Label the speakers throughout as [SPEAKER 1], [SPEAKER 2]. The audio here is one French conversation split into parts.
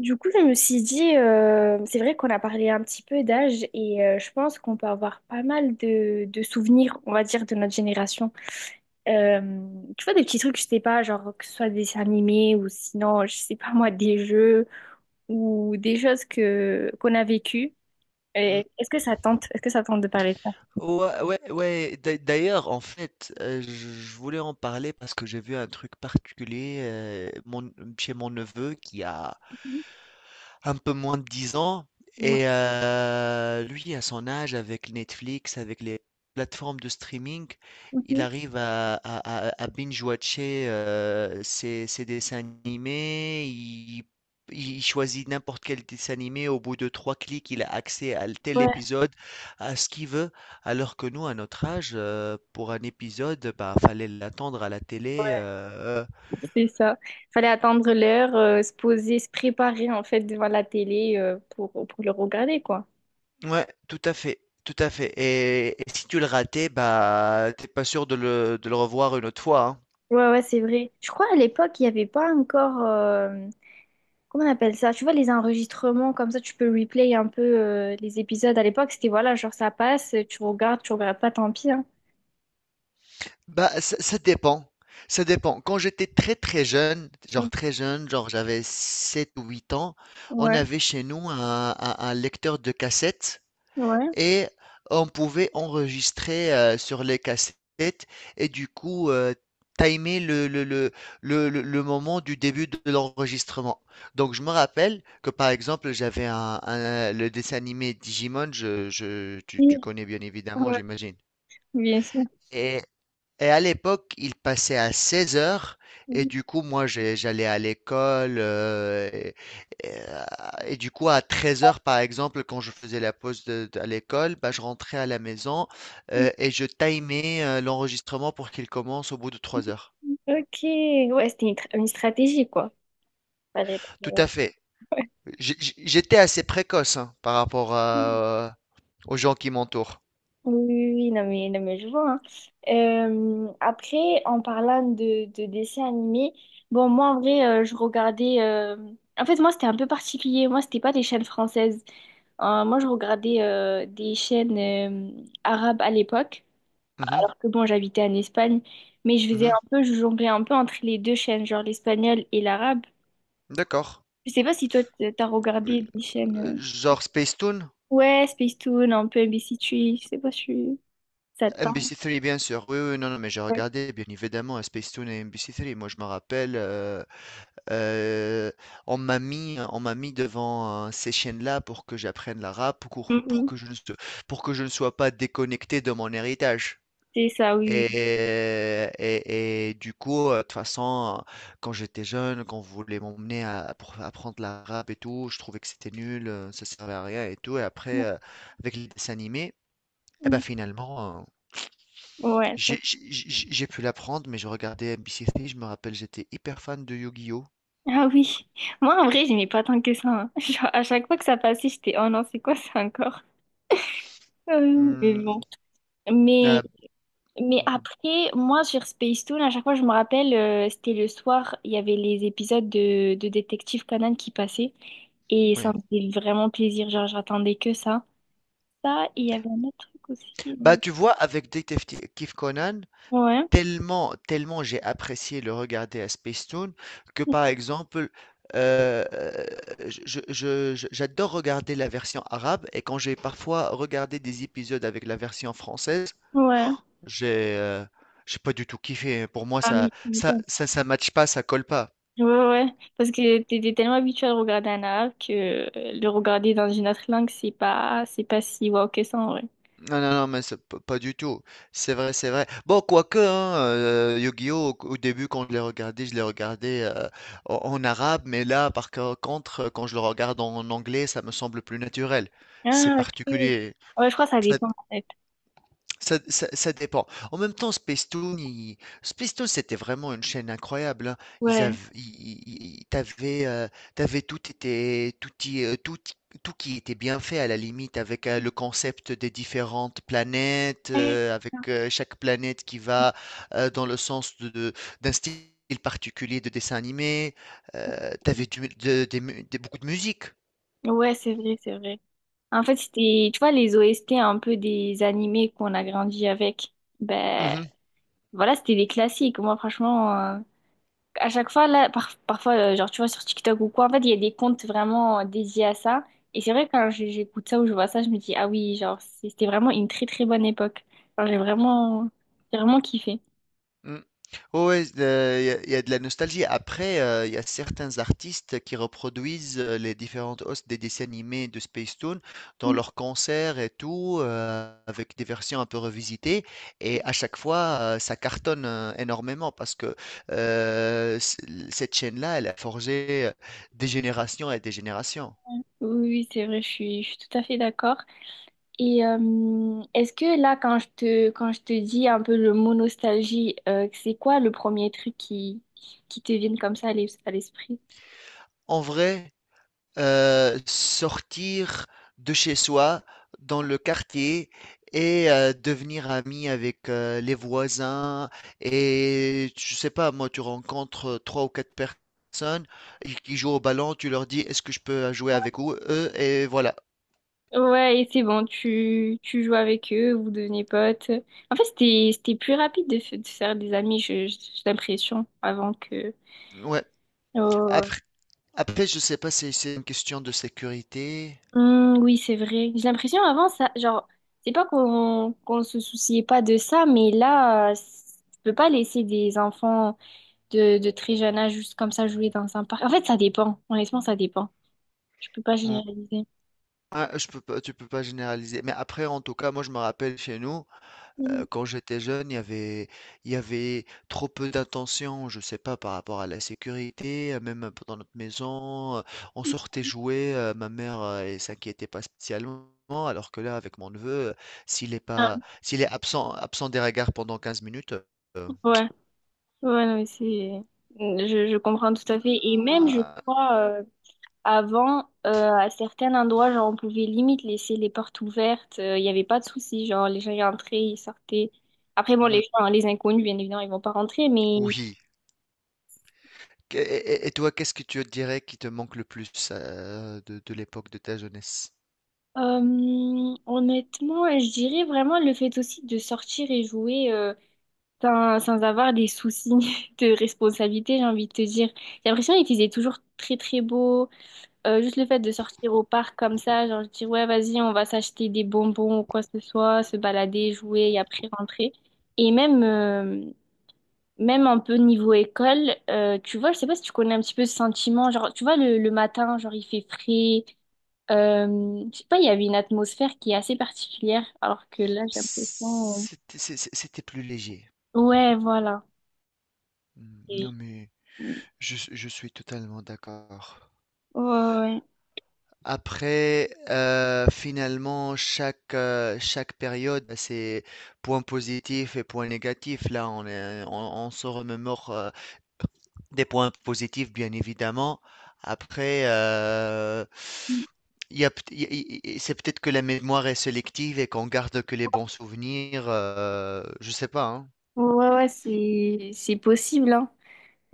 [SPEAKER 1] Du coup, je me suis dit, c'est vrai qu'on a parlé un petit peu d'âge et je pense qu'on peut avoir pas mal de souvenirs, on va dire, de notre génération. Euh, Tu vois, des petits trucs, je sais pas, genre que ce soit des dessins animés ou sinon, je sais pas moi, des jeux ou des choses que qu'on a vécues.
[SPEAKER 2] Mmh.
[SPEAKER 1] Est-ce que ça tente, est-ce que ça tente de parler de ça?
[SPEAKER 2] Ouais, ouais, ouais. D'ailleurs, en fait, je voulais en parler parce que j'ai vu un truc particulier chez mon neveu qui a un peu moins de 10 ans.
[SPEAKER 1] Ouais,
[SPEAKER 2] Et lui, à son âge, avec Netflix, avec les plateformes de streaming, il
[SPEAKER 1] mhm,
[SPEAKER 2] arrive à binge-watcher ses dessins animés. Il choisit n'importe quel dessin animé. Au bout de trois clics, il a accès à tel
[SPEAKER 1] ouais,
[SPEAKER 2] épisode, à ce qu'il veut. Alors que nous, à notre âge, pour un épisode, bah, fallait l'attendre à la télé,
[SPEAKER 1] ouais, c'est ça. Fallait attendre l'heure, se poser, se préparer en fait devant la télé pour le regarder, quoi.
[SPEAKER 2] ouais, tout à fait et si tu le ratais, bah, t'es pas sûr de le revoir une autre fois, hein.
[SPEAKER 1] Ouais, ouais, c'est vrai. Je crois à l'époque, il n'y avait pas encore. Comment on appelle ça? Tu vois, les enregistrements, comme ça, tu peux replay un peu les épisodes. À l'époque, c'était voilà, genre ça passe, tu regardes pas, tant pis, hein.
[SPEAKER 2] Bah, ça dépend, ça dépend. Quand j'étais très,
[SPEAKER 1] Mm.
[SPEAKER 2] très jeune, genre j'avais 7 ou 8 ans, on
[SPEAKER 1] Ouais,
[SPEAKER 2] avait chez nous un lecteur de cassettes
[SPEAKER 1] ouais.
[SPEAKER 2] et on pouvait enregistrer sur les cassettes et du coup timer le moment du début de l'enregistrement. Donc je me rappelle que par exemple j'avais le dessin animé Digimon, tu,
[SPEAKER 1] Oui,
[SPEAKER 2] tu connais bien évidemment,
[SPEAKER 1] ouais,
[SPEAKER 2] j'imagine.
[SPEAKER 1] bien sûr.
[SPEAKER 2] Et à l'époque, il passait à 16 heures. Et
[SPEAKER 1] Mhm.
[SPEAKER 2] du coup, moi, j'allais à l'école. Et, euh, et du coup, à 13 heures, par exemple, quand je faisais la pause à l'école, bah, je rentrais à la maison et je timais l'enregistrement pour qu'il commence au bout de 3 heures.
[SPEAKER 1] Ok, ouais, c'était une, une stratégie, quoi. Fallait-
[SPEAKER 2] Tout à fait. J'étais assez précoce hein, par rapport aux gens qui m'entourent.
[SPEAKER 1] Oui, oui, oui, non mais, non mais je vois, hein. Après, en parlant de dessins animés, bon, moi en vrai, je regardais. En fait, moi c'était un peu particulier. Moi, c'était pas des chaînes françaises. Moi, je regardais des chaînes arabes à l'époque,
[SPEAKER 2] Mhm,
[SPEAKER 1] alors que bon, j'habitais en Espagne, mais je faisais
[SPEAKER 2] mhm,
[SPEAKER 1] un peu, je jonglais un peu entre les deux chaînes, genre l'espagnol et l'arabe.
[SPEAKER 2] d'accord.
[SPEAKER 1] Je sais pas si toi, t'as
[SPEAKER 2] Euh,
[SPEAKER 1] regardé des chaînes.
[SPEAKER 2] Genre Spacetoon,
[SPEAKER 1] Ouais, Toon, un peu MBC3 je sais pas si ça te parle.
[SPEAKER 2] MBC3 bien sûr. Oui, oui, non, non, mais j'ai
[SPEAKER 1] Ouais.
[SPEAKER 2] regardé bien évidemment à Spacetoon et MBC3. Moi, je me rappelle, Euh, on m'a mis devant ces chaînes-là pour que j'apprenne l'arabe,
[SPEAKER 1] Mm, mm.
[SPEAKER 2] pour que je ne sois pas déconnecté de mon héritage.
[SPEAKER 1] C'est ça, oui.
[SPEAKER 2] Et, et du coup, de toute façon, quand j'étais jeune, quand on voulait m'emmener pour apprendre l'arabe et tout, je trouvais que c'était nul, ça servait à rien et tout. Et après, avec les dessins animés, eh ben
[SPEAKER 1] Oui.
[SPEAKER 2] finalement,
[SPEAKER 1] Ouais. Ça-
[SPEAKER 2] j'ai pu l'apprendre, mais je regardais MBC3, je me rappelle, j'étais hyper fan de Yu-Gi-Oh!
[SPEAKER 1] Ah oui. Moi, en vrai, j'aimais pas tant que ça, hein. Genre, à chaque fois que ça passait, j'étais, oh non, c'est quoi ça encore? Mais
[SPEAKER 2] Hmm,
[SPEAKER 1] bon. Mais, mais
[SPEAKER 2] euh,
[SPEAKER 1] après, moi, sur Toon, à chaque fois, je me rappelle, c'était le soir, il y avait les épisodes de Détective Conan qui passaient. Et ça
[SPEAKER 2] Oui.
[SPEAKER 1] me faisait vraiment plaisir. Genre, j'attendais que ça. Ça, et il y avait un autre truc
[SPEAKER 2] Bah,
[SPEAKER 1] aussi.
[SPEAKER 2] tu vois, avec Détective Conan,
[SPEAKER 1] Ouais.
[SPEAKER 2] tellement, tellement j'ai apprécié le regarder à Spacetoon que, par exemple, euh, euh, j'adore regarder la version arabe et quand j'ai parfois regardé des épisodes avec la version française, oh,
[SPEAKER 1] Ouais.
[SPEAKER 2] j'ai euh, j'ai pas du tout kiffé. Pour moi,
[SPEAKER 1] Ah oui, tu m'étonnes.
[SPEAKER 2] ça matche pas, ça colle pas.
[SPEAKER 1] Ouais, ouais, ouais. Parce que t'étais tellement habitué à regarder un arabe que le regarder dans une autre langue, c'est pas si wow que ça, en vrai.
[SPEAKER 2] Non, non, non, mais pas du tout. C'est vrai, c'est vrai. Bon, quoique, hein, Yu-Gi-Oh! au début, quand je l'ai regardé, en arabe, mais là, contre, quand je le regarde en anglais, ça me semble plus naturel. C'est
[SPEAKER 1] Ah, ok.
[SPEAKER 2] particulier.
[SPEAKER 1] Ouais, je crois que ça
[SPEAKER 2] Ça-
[SPEAKER 1] dépend, en fait.
[SPEAKER 2] ça dépend. En même temps, Spacetoon, il Spacetoon, c'était vraiment une chaîne incroyable, hein. Ils
[SPEAKER 1] Ouais.
[SPEAKER 2] avaient i i i tu avais, tout était tout y, tout y- tout qui était bien fait à la limite avec, le concept des différentes planètes,
[SPEAKER 1] Ouais,
[SPEAKER 2] avec, chaque planète qui va, dans le sens de d'un style particulier de dessin animé. Tu du de des mu des beaucoup de musique.
[SPEAKER 1] ouais, c'est vrai, c'est vrai. En fait, c'était, tu vois, les OST un peu des animés qu'on a grandi avec. Ben,
[SPEAKER 2] Mmh.
[SPEAKER 1] voilà, c'était des classiques. Moi, franchement, à chaque fois, là, parfois, genre, tu vois, sur TikTok ou quoi, en fait, il y a des comptes vraiment dédiés à ça. Et c'est vrai, quand j'écoute ça ou je vois ça, je me dis, ah oui, genre, c'était vraiment une très, très bonne époque. Genre, j'ai vraiment kiffé.
[SPEAKER 2] Mmh. Ouais, ouais, il y a de la nostalgie. Après, il y a certains artistes qui reproduisent, les différentes hosts des dessins animés de Spacetoon dans
[SPEAKER 1] Mm.
[SPEAKER 2] leurs concerts et tout, avec des versions un peu revisitées et à chaque fois, ça cartonne, énormément parce que, c cette chaîne-là, elle a forgé, des générations et des générations.
[SPEAKER 1] Oui, oui, c'est vrai, je suis tout à fait d'accord. Et est-ce que là, quand je te dis un peu le mot nostalgie, c'est quoi le premier truc qui te vient comme ça à à l'esprit?
[SPEAKER 2] En vrai sortir de chez soi dans le quartier et devenir ami avec les voisins. Et je sais pas, moi, tu rencontres trois ou quatre personnes et qui jouent au ballon, tu leur dis, est-ce que je peux jouer avec eux? Et voilà.
[SPEAKER 1] Ouais, et c'est bon, tu joues avec eux, vous devenez potes. En fait, c'était, c'était plus rapide de, de faire des amis, j'ai l'impression, avant que...
[SPEAKER 2] Ouais.
[SPEAKER 1] Oh.
[SPEAKER 2] Après, après, je sais pas si c'est une question de sécurité.
[SPEAKER 1] Hmm, oui, c'est vrai. J'ai l'impression avant, ça, genre, c'est pas qu'on se souciait pas de ça, mais là, tu peux pas laisser des enfants de très jeune âge juste comme ça jouer dans un parc. En fait, ça dépend. Honnêtement, ça dépend. Je peux pas
[SPEAKER 2] Mm.
[SPEAKER 1] généraliser.
[SPEAKER 2] Ah, je peux pas, tu peux pas généraliser. Mais après, en tout cas, moi, je me rappelle chez nous,
[SPEAKER 1] Mhm.
[SPEAKER 2] quand j'étais jeune, il y avait trop peu d'attention, je sais pas, par rapport à la sécurité, même dans notre maison. On sortait jouer, ma mère, elle s'inquiétait pas spécialement. Alors que là, avec mon neveu, s'il est
[SPEAKER 1] Ah,
[SPEAKER 2] pas, s'il est absent des regards pendant 15 minutes, euh,
[SPEAKER 1] ouais, ouais, non, mais c'est... je comprends tout à fait. Et même, je
[SPEAKER 2] Ah, ah,
[SPEAKER 1] crois... Avant, à certains endroits, genre, on pouvait limite laisser les portes ouvertes. Il n'y avait pas de souci. Genre, les gens y entraient, ils sortaient. Après, bon,
[SPEAKER 2] mm,
[SPEAKER 1] les gens, les inconnus, bien évidemment, ils vont pas rentrer. Mais
[SPEAKER 2] oui. Et toi, qu'est-ce que tu dirais qui te manque le plus de l'époque de ta jeunesse?
[SPEAKER 1] honnêtement, je dirais vraiment le fait aussi de sortir et jouer sans, sans avoir des soucis de responsabilité, j'ai envie de te dire. J'ai l'impression qu'il faisait toujours très, très beau. Juste le fait de sortir au parc comme ça, genre je dis ouais, vas-y, on va s'acheter des bonbons ou quoi que ce soit, se balader, jouer et après rentrer. Et même, même un peu niveau école, tu vois, je sais pas si tu connais un petit peu ce sentiment, genre tu vois, le matin, genre il fait frais, je sais pas, il y avait une atmosphère qui est assez particulière, alors que là, j'ai l'impression.
[SPEAKER 2] C'était plus léger.
[SPEAKER 1] Ouais, voilà.
[SPEAKER 2] Mm, non
[SPEAKER 1] Et-
[SPEAKER 2] mais. Je suis totalement d'accord.
[SPEAKER 1] Ouais, ouais,
[SPEAKER 2] Après, finalement, chaque période a ses points positifs et points négatifs. Là, on se remémore des points positifs, bien évidemment. Après, il y a peut- il y a- il- c'est peut-être que la mémoire est sélective et qu'on garde que les bons souvenirs. Je sais pas, hein.
[SPEAKER 1] ouais, ouais, ouais, c'est possible, hein.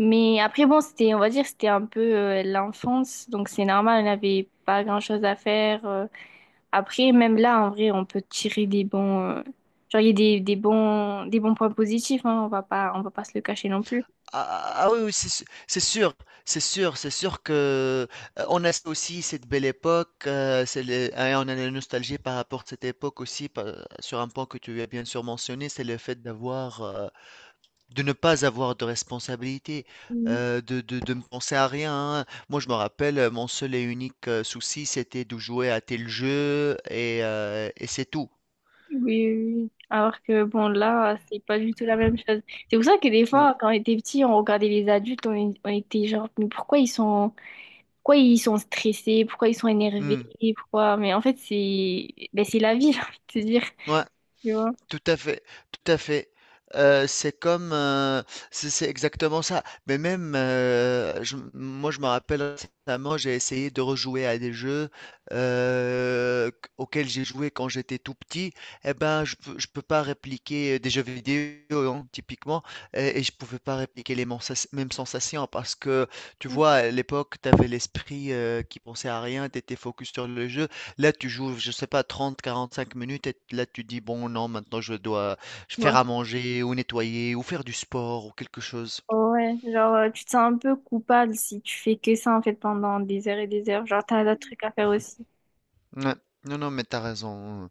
[SPEAKER 1] Mais après, bon, c'était, on va dire, c'était un peu l'enfance, donc c'est normal, on n'avait pas grand-chose à faire. Après, même là, en vrai, on peut tirer des bons, genre, il y a des bons points positifs, hein, on va pas se le cacher non plus.
[SPEAKER 2] Ah, ah ah, ah oui, oui, c'est sûr, c'est sûr, c'est sûr que on a aussi cette belle époque, hein, on a la nostalgie par rapport à cette époque aussi, sur un point que tu as bien sûr mentionné, c'est le fait d'avoir, de ne pas avoir de responsabilité,
[SPEAKER 1] Mm.
[SPEAKER 2] de ne penser à rien. Hein. Moi, je me rappelle, mon seul et unique souci, c'était de jouer à tel jeu et c'est tout.
[SPEAKER 1] Oui, oui. Oui. Alors que, bon, là, c'est pas du tout la même chose. C'est pour ça que des
[SPEAKER 2] Mm.
[SPEAKER 1] fois, quand on était petit, on regardait les adultes, on était genre, mais pourquoi ils sont stressés, pourquoi ils sont énervés,
[SPEAKER 2] Mm.
[SPEAKER 1] pourquoi, mais en fait, c'est, ben, c'est la vie, j'ai envie de te dire,
[SPEAKER 2] Ouais.
[SPEAKER 1] tu vois.
[SPEAKER 2] Tout à fait, tout à fait. C'est comme, c'est exactement ça. Mais même, moi, je me rappelle récemment, j'ai essayé de rejouer à des jeux auxquels j'ai joué quand j'étais tout petit. Eh ben, je peux pas répliquer des jeux vidéo, hein, typiquement, et je pouvais pas répliquer les mêmes sensations parce que, tu vois, à l'époque, tu avais l'esprit qui pensait à rien, tu étais focus sur le jeu. Là, tu joues, je sais pas, 30, 45 minutes et là, tu dis, bon, non, maintenant, je dois faire
[SPEAKER 1] Ouais,
[SPEAKER 2] à manger ou nettoyer ou faire du sport ou quelque chose.
[SPEAKER 1] ouais, genre tu te sens un peu coupable si tu fais que ça en fait pendant des heures et des heures. Genre t'as d'autres trucs à faire aussi.
[SPEAKER 2] Ouais. Non, non, mais t'as raison.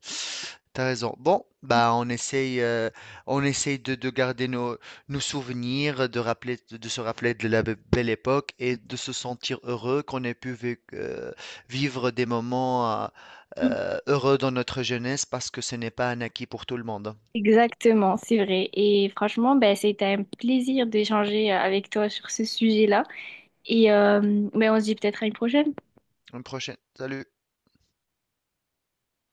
[SPEAKER 2] T'as raison. Bon, bah, on essaye de garder nos souvenirs, de se rappeler de la belle époque et de se sentir heureux qu'on ait pu vivre des moments
[SPEAKER 1] Mm.
[SPEAKER 2] heureux dans notre jeunesse parce que ce n'est pas un acquis pour tout le monde.
[SPEAKER 1] Exactement, c'est vrai. Et franchement, ben, c'était un plaisir d'échanger avec toi sur ce sujet-là. Et ben, on se dit peut-être à une prochaine.
[SPEAKER 2] Une prochaine. Salut.